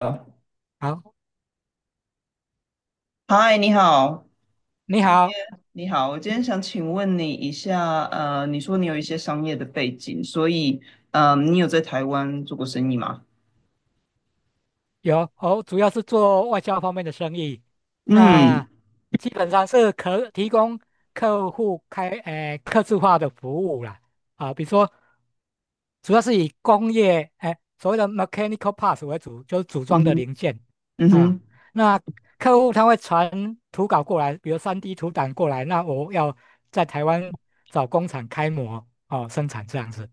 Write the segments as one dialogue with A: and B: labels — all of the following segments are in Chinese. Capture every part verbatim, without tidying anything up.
A: 啊
B: 好，
A: 嗨，你好，
B: 你
A: 今天
B: 好，
A: 你好，我今天想请问你一下，呃，你说你有一些商业的背景，所以，嗯、你有在台湾做过生意吗？
B: 有哦，主要是做外销方面的生意。
A: 嗯
B: 那基本上是可提供客户开呃客制化的服务啦。啊，比如说主要是以工业，哎、所谓的 mechanical parts 为主，就是组
A: 嗯
B: 装的
A: 哼
B: 零件
A: 嗯
B: 啊。
A: 哼，
B: 那客户他会传图稿过来，比如三 d 图档过来，那我要在台湾找工厂开模哦生产这样子。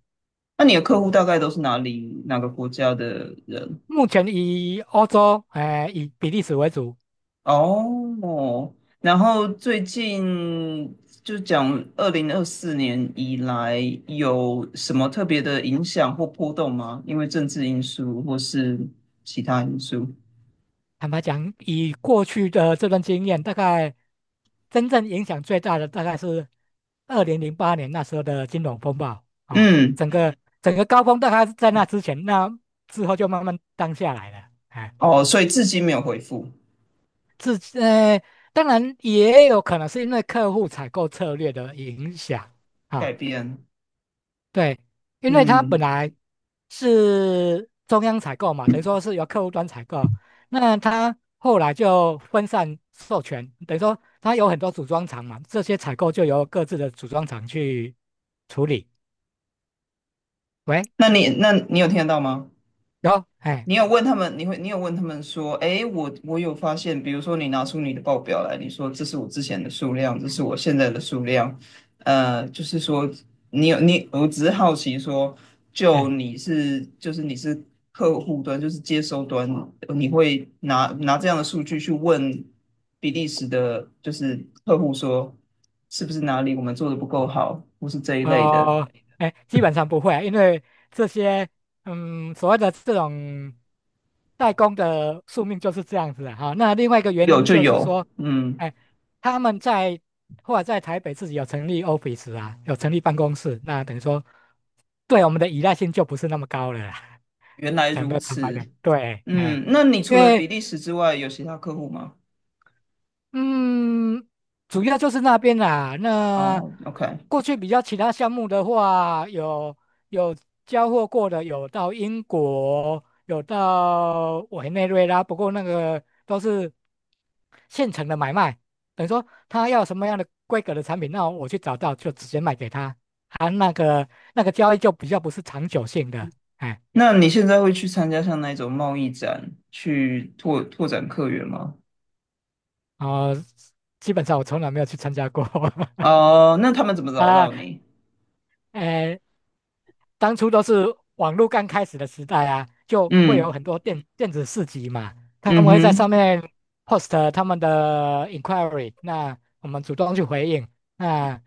A: 那你的客户大概都是哪里哪个国家的人？
B: 目前以欧洲，哎、以比利时为主。
A: 哦，然后最近就讲二零二四年以来有什么特别的影响或波动吗？因为政治因素或是其他因素？
B: 坦白讲，以过去的这段经验，大概真正影响最大的大概是二零零八年那时候的金融风暴啊。
A: 嗯。
B: 整个整个高峰大概是在那之前，那之后就慢慢淡下来了。哎，
A: 哦，所以至今没有回复
B: 自呃，当然也有可能是因为客户采购策略的影响啊。
A: 改变。
B: 对，因为它本
A: 嗯，
B: 来是中央采购嘛，等于说是由客户端采购，那它后来就分散授权，等于说它有很多组装厂嘛，这些采购就由各自的组装厂去处理。喂，
A: 那你那你有听得到吗？
B: 有，哎
A: 你有问他们，你会，你有问他们说，哎，我我有发现，比如说你拿出你的报表来，你说这是我之前的数量，这是我现在的数量，呃，就是说你有你，我只是好奇说，就
B: 哎。
A: 你是就是你是客户端，就是接收端，你会拿拿这样的数据去问比利时的，就是客户说，是不是哪里我们做的不够好，或是这一类的，
B: 呃，哎，基本上不会啊，因为这些，嗯，所谓的这种代工的宿命就是这样子的哈。那另外一个原
A: 有
B: 因
A: 就
B: 就是
A: 有，
B: 说，
A: 嗯，
B: 哎，他们在或者在台北自己有成立 office 啊，有成立办公室，那等于说对我们的依赖性就不是那么高了啦。
A: 原 来
B: 讲
A: 如
B: 的坦白点，
A: 此，
B: 对，哎，
A: 嗯，那你
B: 因
A: 除了
B: 为
A: 比利时之外，有其他客户吗？
B: 嗯，主要就是那边啦。那
A: 哦，OK，
B: 过去比较其他项目的话，有有交货过的，有到英国，有到委内瑞拉，不过那个都是现成的买卖，等于说他要什么样的规格的产品，那我去找到就直接卖给他。啊，那个那个交易就比较不是长久性的，哎，
A: 那你现在会去参加像那种贸易展，去拓拓展客源吗？
B: 哦、基本上我从来没有去参加过
A: 哦，那他们怎么 找
B: 啊，
A: 到你？
B: 哎。当初都是网络刚开始的时代啊，就会
A: 嗯
B: 有很多电电子市集嘛，他
A: 嗯
B: 们会在上
A: 哼，
B: 面 post 他们的 inquiry，那我们主动去回应。啊，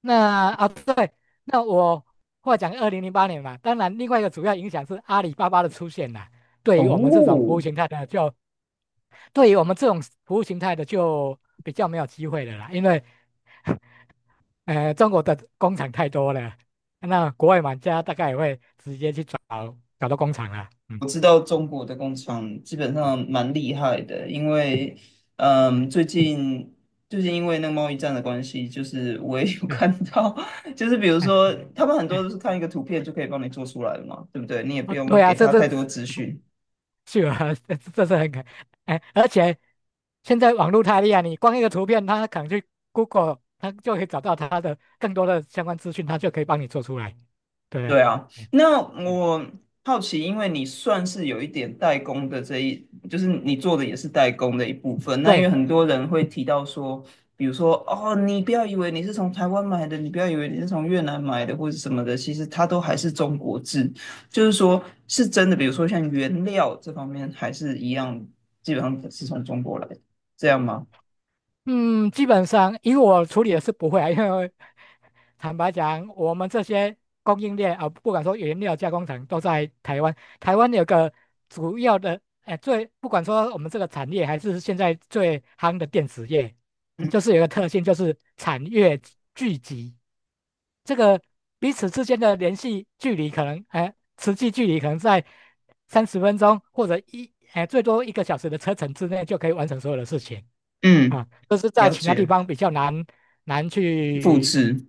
B: 那啊对，那我话讲二零零八年嘛，当然另外一个主要影响是阿里巴巴的出现啦。对于我们这种服
A: 哦，
B: 务形态的就。对于我们这种服务形态的，就比较没有机会的啦，因为呃，中国的工厂太多了，那国外玩家大概也会直接去找找到工厂了。嗯，
A: 我知道中国的工厂基本上蛮厉害的，因为
B: 哎，
A: 嗯，最近最近因为那个贸易战的关系，就是我也有
B: 对，
A: 看到，就是比如
B: 哎，
A: 说他们很多
B: 哎，
A: 都是看一个图片就可以帮你做出来了嘛，对不对？你也不
B: 哦，
A: 用
B: 对啊，
A: 给
B: 这
A: 他
B: 这
A: 太多资讯。
B: 是啊，这这是很可，哎，而且现在网络太厉害，你光一个图片，它可能去 Google，它就可以找到它的更多的相关资讯，它就可以帮你做出来，对不
A: 对
B: 对？
A: 啊，
B: 嗯
A: 那
B: 嗯，
A: 我好奇，因为你算是有一点代工的这一，就是你做的也是代工的一部分。那因为
B: 对，
A: 很多人会提到说，比如说哦，你不要以为你是从台湾买的，你不要以为你是从越南买的或者什么的，其实它都还是中国制。就是说，是真的，比如说像原料这方面，还是一样，基本上是从中国来的，这样吗？
B: 嗯，基本上以我处理的是不会啊，因为。坦白讲，我们这些供应链啊，不管说原料加工厂都在台湾，台湾有个主要的，哎，最不管说我们这个产业还是现在最夯的电子业，就是有个特性，就是产业聚集，这个彼此之间的联系距离可能，哎，实际距离可能在三十分钟或者一，哎，最多一个小时的车程之内就可以完成所有的事情。
A: 嗯，
B: 啊，这是在
A: 了
B: 其他地
A: 解，
B: 方比较难难
A: 复
B: 去
A: 制。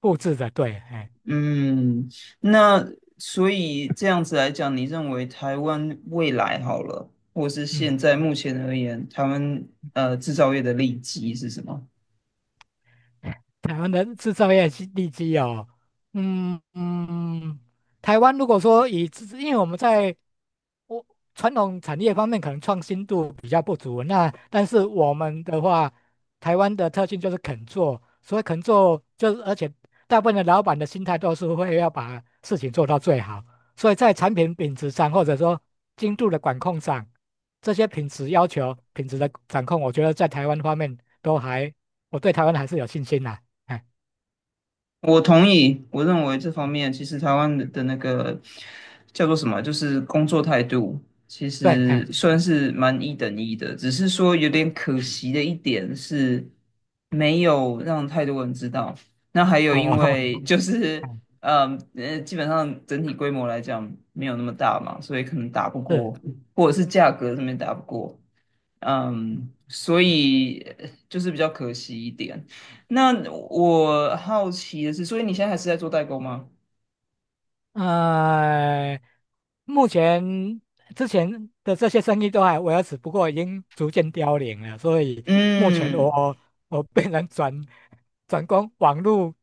B: 复制的，对，哎，
A: 嗯，那所以这样子来讲，你认为台湾未来好了，或是现
B: 嗯。
A: 在目前而言，台湾呃制造业的利基是什么？
B: 台湾的制造业基地基哦，嗯嗯，嗯台湾如果说以制因为我们在我传统产业方面可能创新度比较不足，那但是我们的话，台湾的特性就是肯做，所以肯做就是，而且大部分的老板的心态都是会要把事情做到最好，所以在产品品质上或者说精度的管控上，这些品质要求、品质的掌控，我觉得在台湾方面都还，我对台湾还是有信心呐、哎，
A: 我同意，我认为这方面其实台湾的
B: 嗯
A: 的那个叫做什么，就是工作态度，其
B: 对，哎，
A: 实算是蛮一等一的，只是说有点可惜的一点是没有让太多人知道。那还有因
B: 哦。
A: 为就是，
B: 哎，
A: 嗯呃，基本上整体规模来讲没有那么大嘛，所以可能打不
B: 是，
A: 过，或者是价格上面打不过。
B: 嗯
A: 嗯，所以呃就是比较可惜一点。那我好奇的是，所以你现在还是在做代购吗？
B: 呃，目前之前的这些生意都还维持，不过已经逐渐凋零了，所以目前
A: 嗯，
B: 我我变成转转攻网络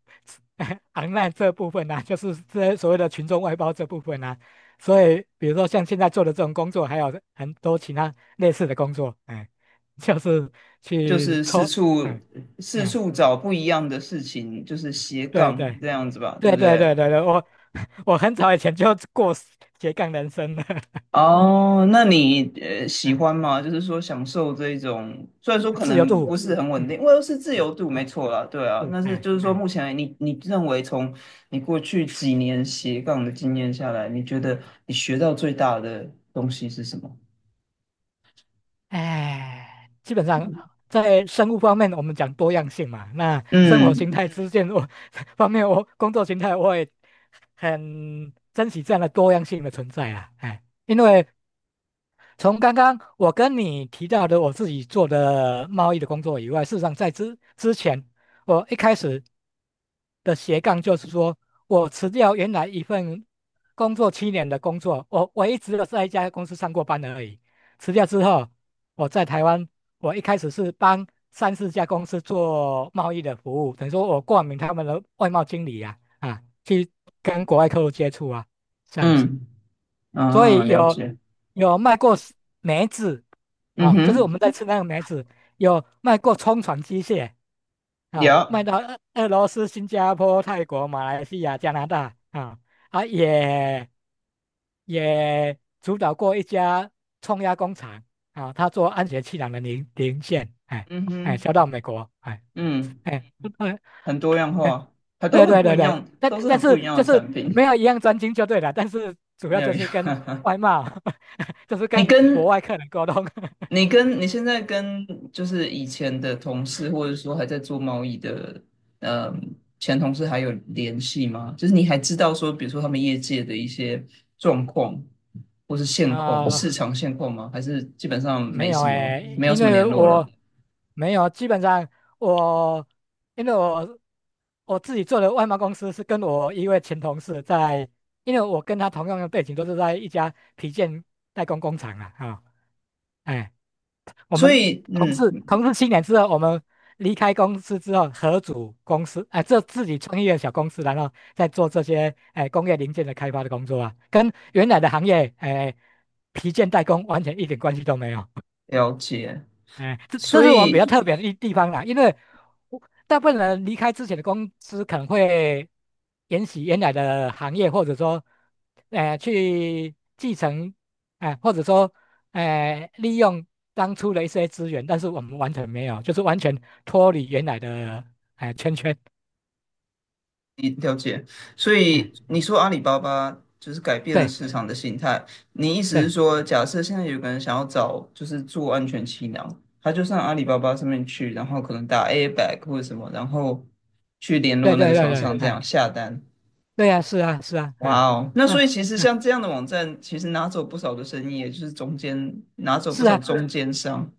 B: online 这部分啊，就是这些所谓的群众外包这部分啊，所以比如说像现在做的这种工作，还有很多其他类似的工作，哎，就是
A: 就
B: 去
A: 是四
B: 抽，
A: 处
B: 嗯
A: 四
B: 嗯，
A: 处找不一样的事情，就是斜
B: 对
A: 杠
B: 对。
A: 这样子吧，对
B: 对
A: 不
B: 对
A: 对？
B: 对对对，我我很早以前就过斜杠人生了。
A: 哦，那你呃 喜
B: 嗯，
A: 欢吗？就是说享受这一种，虽然说可
B: 自由
A: 能
B: 度，
A: 不是很稳
B: 嗯，
A: 定，因为是自由度，没错啦，对啊。
B: 是，
A: 但是
B: 哎
A: 就是说，
B: 哎
A: 目前你你认为从你过去几年斜杠的经验下来，你觉得你学到最大的东西是什么？
B: 哎，基本上在生物方面我们讲多样性嘛，那生活
A: 嗯
B: 形态嗯之间我 方面我工作形态我也很珍惜这样的多样性的存在啊，哎，因为从刚刚我跟你提到的我自己做的贸易的工作以外，事实上在之之前。我一开始的斜杠就是说，我辞掉原来一份工作七年的工作，我我一都都在一家公司上过班而已。辞掉之后，我在台湾，我一开始是帮三四家公司做贸易的服务，等于说我冠名他们的外贸经理啊，啊，去跟国外客户接触啊，这样子。
A: 嗯
B: 所
A: 啊，
B: 以
A: 了
B: 有
A: 解。
B: 有卖过 s- 梅子
A: 嗯
B: 啊，就是我
A: 哼，
B: 们在吃那个梅子，有卖过冲船机械啊，
A: 有，
B: 卖到俄俄罗斯、新加坡、泰国、马来西亚、加拿大啊啊，也也主导过一家冲压工厂啊，他做安全气囊的零零件，哎
A: 嗯
B: 哎，
A: 哼，
B: 销到美国，哎
A: 嗯，
B: 哎。
A: 很多样化，它都
B: 对
A: 很
B: 对
A: 不
B: 对
A: 一
B: 对，
A: 样，
B: 但
A: 都是
B: 但
A: 很不
B: 是
A: 一样
B: 就
A: 的
B: 是
A: 产品，
B: 没有一样专精就对了，但是主
A: 没
B: 要
A: 有
B: 就
A: 一
B: 是跟
A: 样。
B: 外贸，就是
A: 你
B: 跟国
A: 跟
B: 外客人沟通。
A: 你跟你现在跟就是以前的同事，或者说还在做贸易的，
B: 嗯
A: 嗯，前同事还有联系吗？就是你还知道说，比如说他们业界的一些状况，或是现况、市
B: 啊、
A: 场现况吗？还是基本上
B: 没
A: 没
B: 有
A: 什么，
B: 诶，
A: 没有
B: 因
A: 什么
B: 为
A: 联络了？
B: 我没有，基本上我因为我我自己做的外贸公司是跟我一位前同事在，因为我跟他同样的背景都是在一家皮件代工工厂啊，啊、哎。我
A: 所
B: 们
A: 以，
B: 同
A: 嗯，
B: 事同事七年之后，我们离开公司之后，合组公司，哎、这自己创业的小公司，然后再做这些哎、工业零件的开发的工作啊，跟原来的行业哎、皮件代工完全一点关系都没有。
A: 了解。
B: 哎，这这
A: 所
B: 是我们比
A: 以
B: 较特别的一地方啦，因为我大部分人离开之前的公司可能会沿袭原来的行业，或者说，呃，去继承，哎、或者说，呃，利用当初的一些资源，但是我们完全没有，就是完全脱离原来的哎、圈圈。
A: 了解，所以
B: 嗯，
A: 你说阿里巴巴就是改变了市
B: 对
A: 场的形态，你意思是
B: 对
A: 说，假设现在有个人想要找就是做安全气囊，他就上阿里巴巴上面去，然后可能打 a i b a g 或者什么，然后去联
B: 对
A: 络那个
B: 对
A: 对
B: 对
A: 厂对
B: 对，
A: 商这对
B: 哎，
A: 样下单。
B: 对呀、是啊是啊，
A: 哇
B: 哎
A: 哦，那
B: 嗯
A: 所以其实
B: 嗯，
A: 像这样的网站，其实拿走不少的生意，也就是中间拿走不
B: 是
A: 少
B: 啊。
A: 中对间商，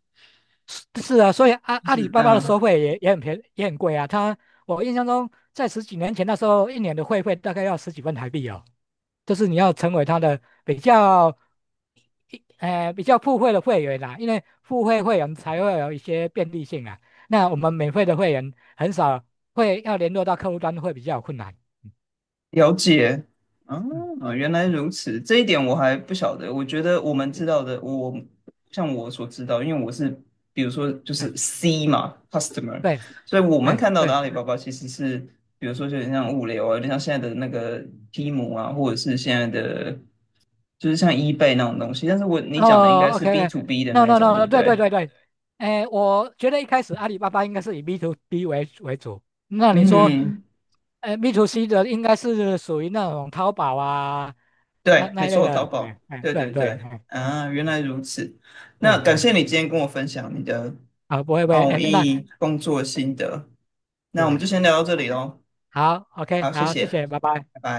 B: 是啊，所以阿
A: 就
B: 阿
A: 是
B: 里巴巴的收
A: 那、
B: 费也也很便也很贵啊。他我印象中在十几年前那时候，一年的会费大概要十几万台币哦。就是你要成为他的比较一呃比较付费的会员啦，因为付费会员才会有一些便利性啊。那我们免费的会员很少会要联络到客户端，会比较有困难。
A: 了解，啊，
B: 嗯，嗯
A: 原来如此，这一点我还不晓得。我觉得我们知道的，我像我所知道，因为我是比如说就
B: 对
A: 是 C 嘛，customer，
B: 对，
A: 所以我们
B: 哎
A: 看到的阿
B: 对。
A: 里巴巴其实是，比如说有点像物流啊，有点像现在的那个 Temu 啊，或者是现在的就是像 eBay 那种东西。但是我你讲的应该
B: 哦
A: 是
B: OK，
A: B to B 的
B: ，OK，no
A: 那一
B: no
A: 种，对不
B: no，对对
A: 对？
B: 对对，哎，我觉得一开始阿里巴巴应该是以 B to B 为为主，那你说，
A: 嗯，
B: 哎 b to C 的应该是属于那种淘宝啊，那
A: 对，没
B: 那一类
A: 错，淘
B: 的，
A: 宝，
B: 哎哎，
A: 对
B: 对
A: 对
B: 对，
A: 对，
B: 哎哎
A: 啊，原
B: 哎
A: 来如此。
B: 对，
A: 那感
B: 哎，
A: 谢你今天跟我分享你的
B: 啊，不会不会，哎，
A: 贸
B: 那
A: 易工作心得。那我们
B: 嗯，
A: 就先聊到这里喽，
B: 好，OK，
A: 好，谢
B: 好，
A: 谢，
B: 谢
A: 嗯
B: 谢，拜拜。
A: 拜拜。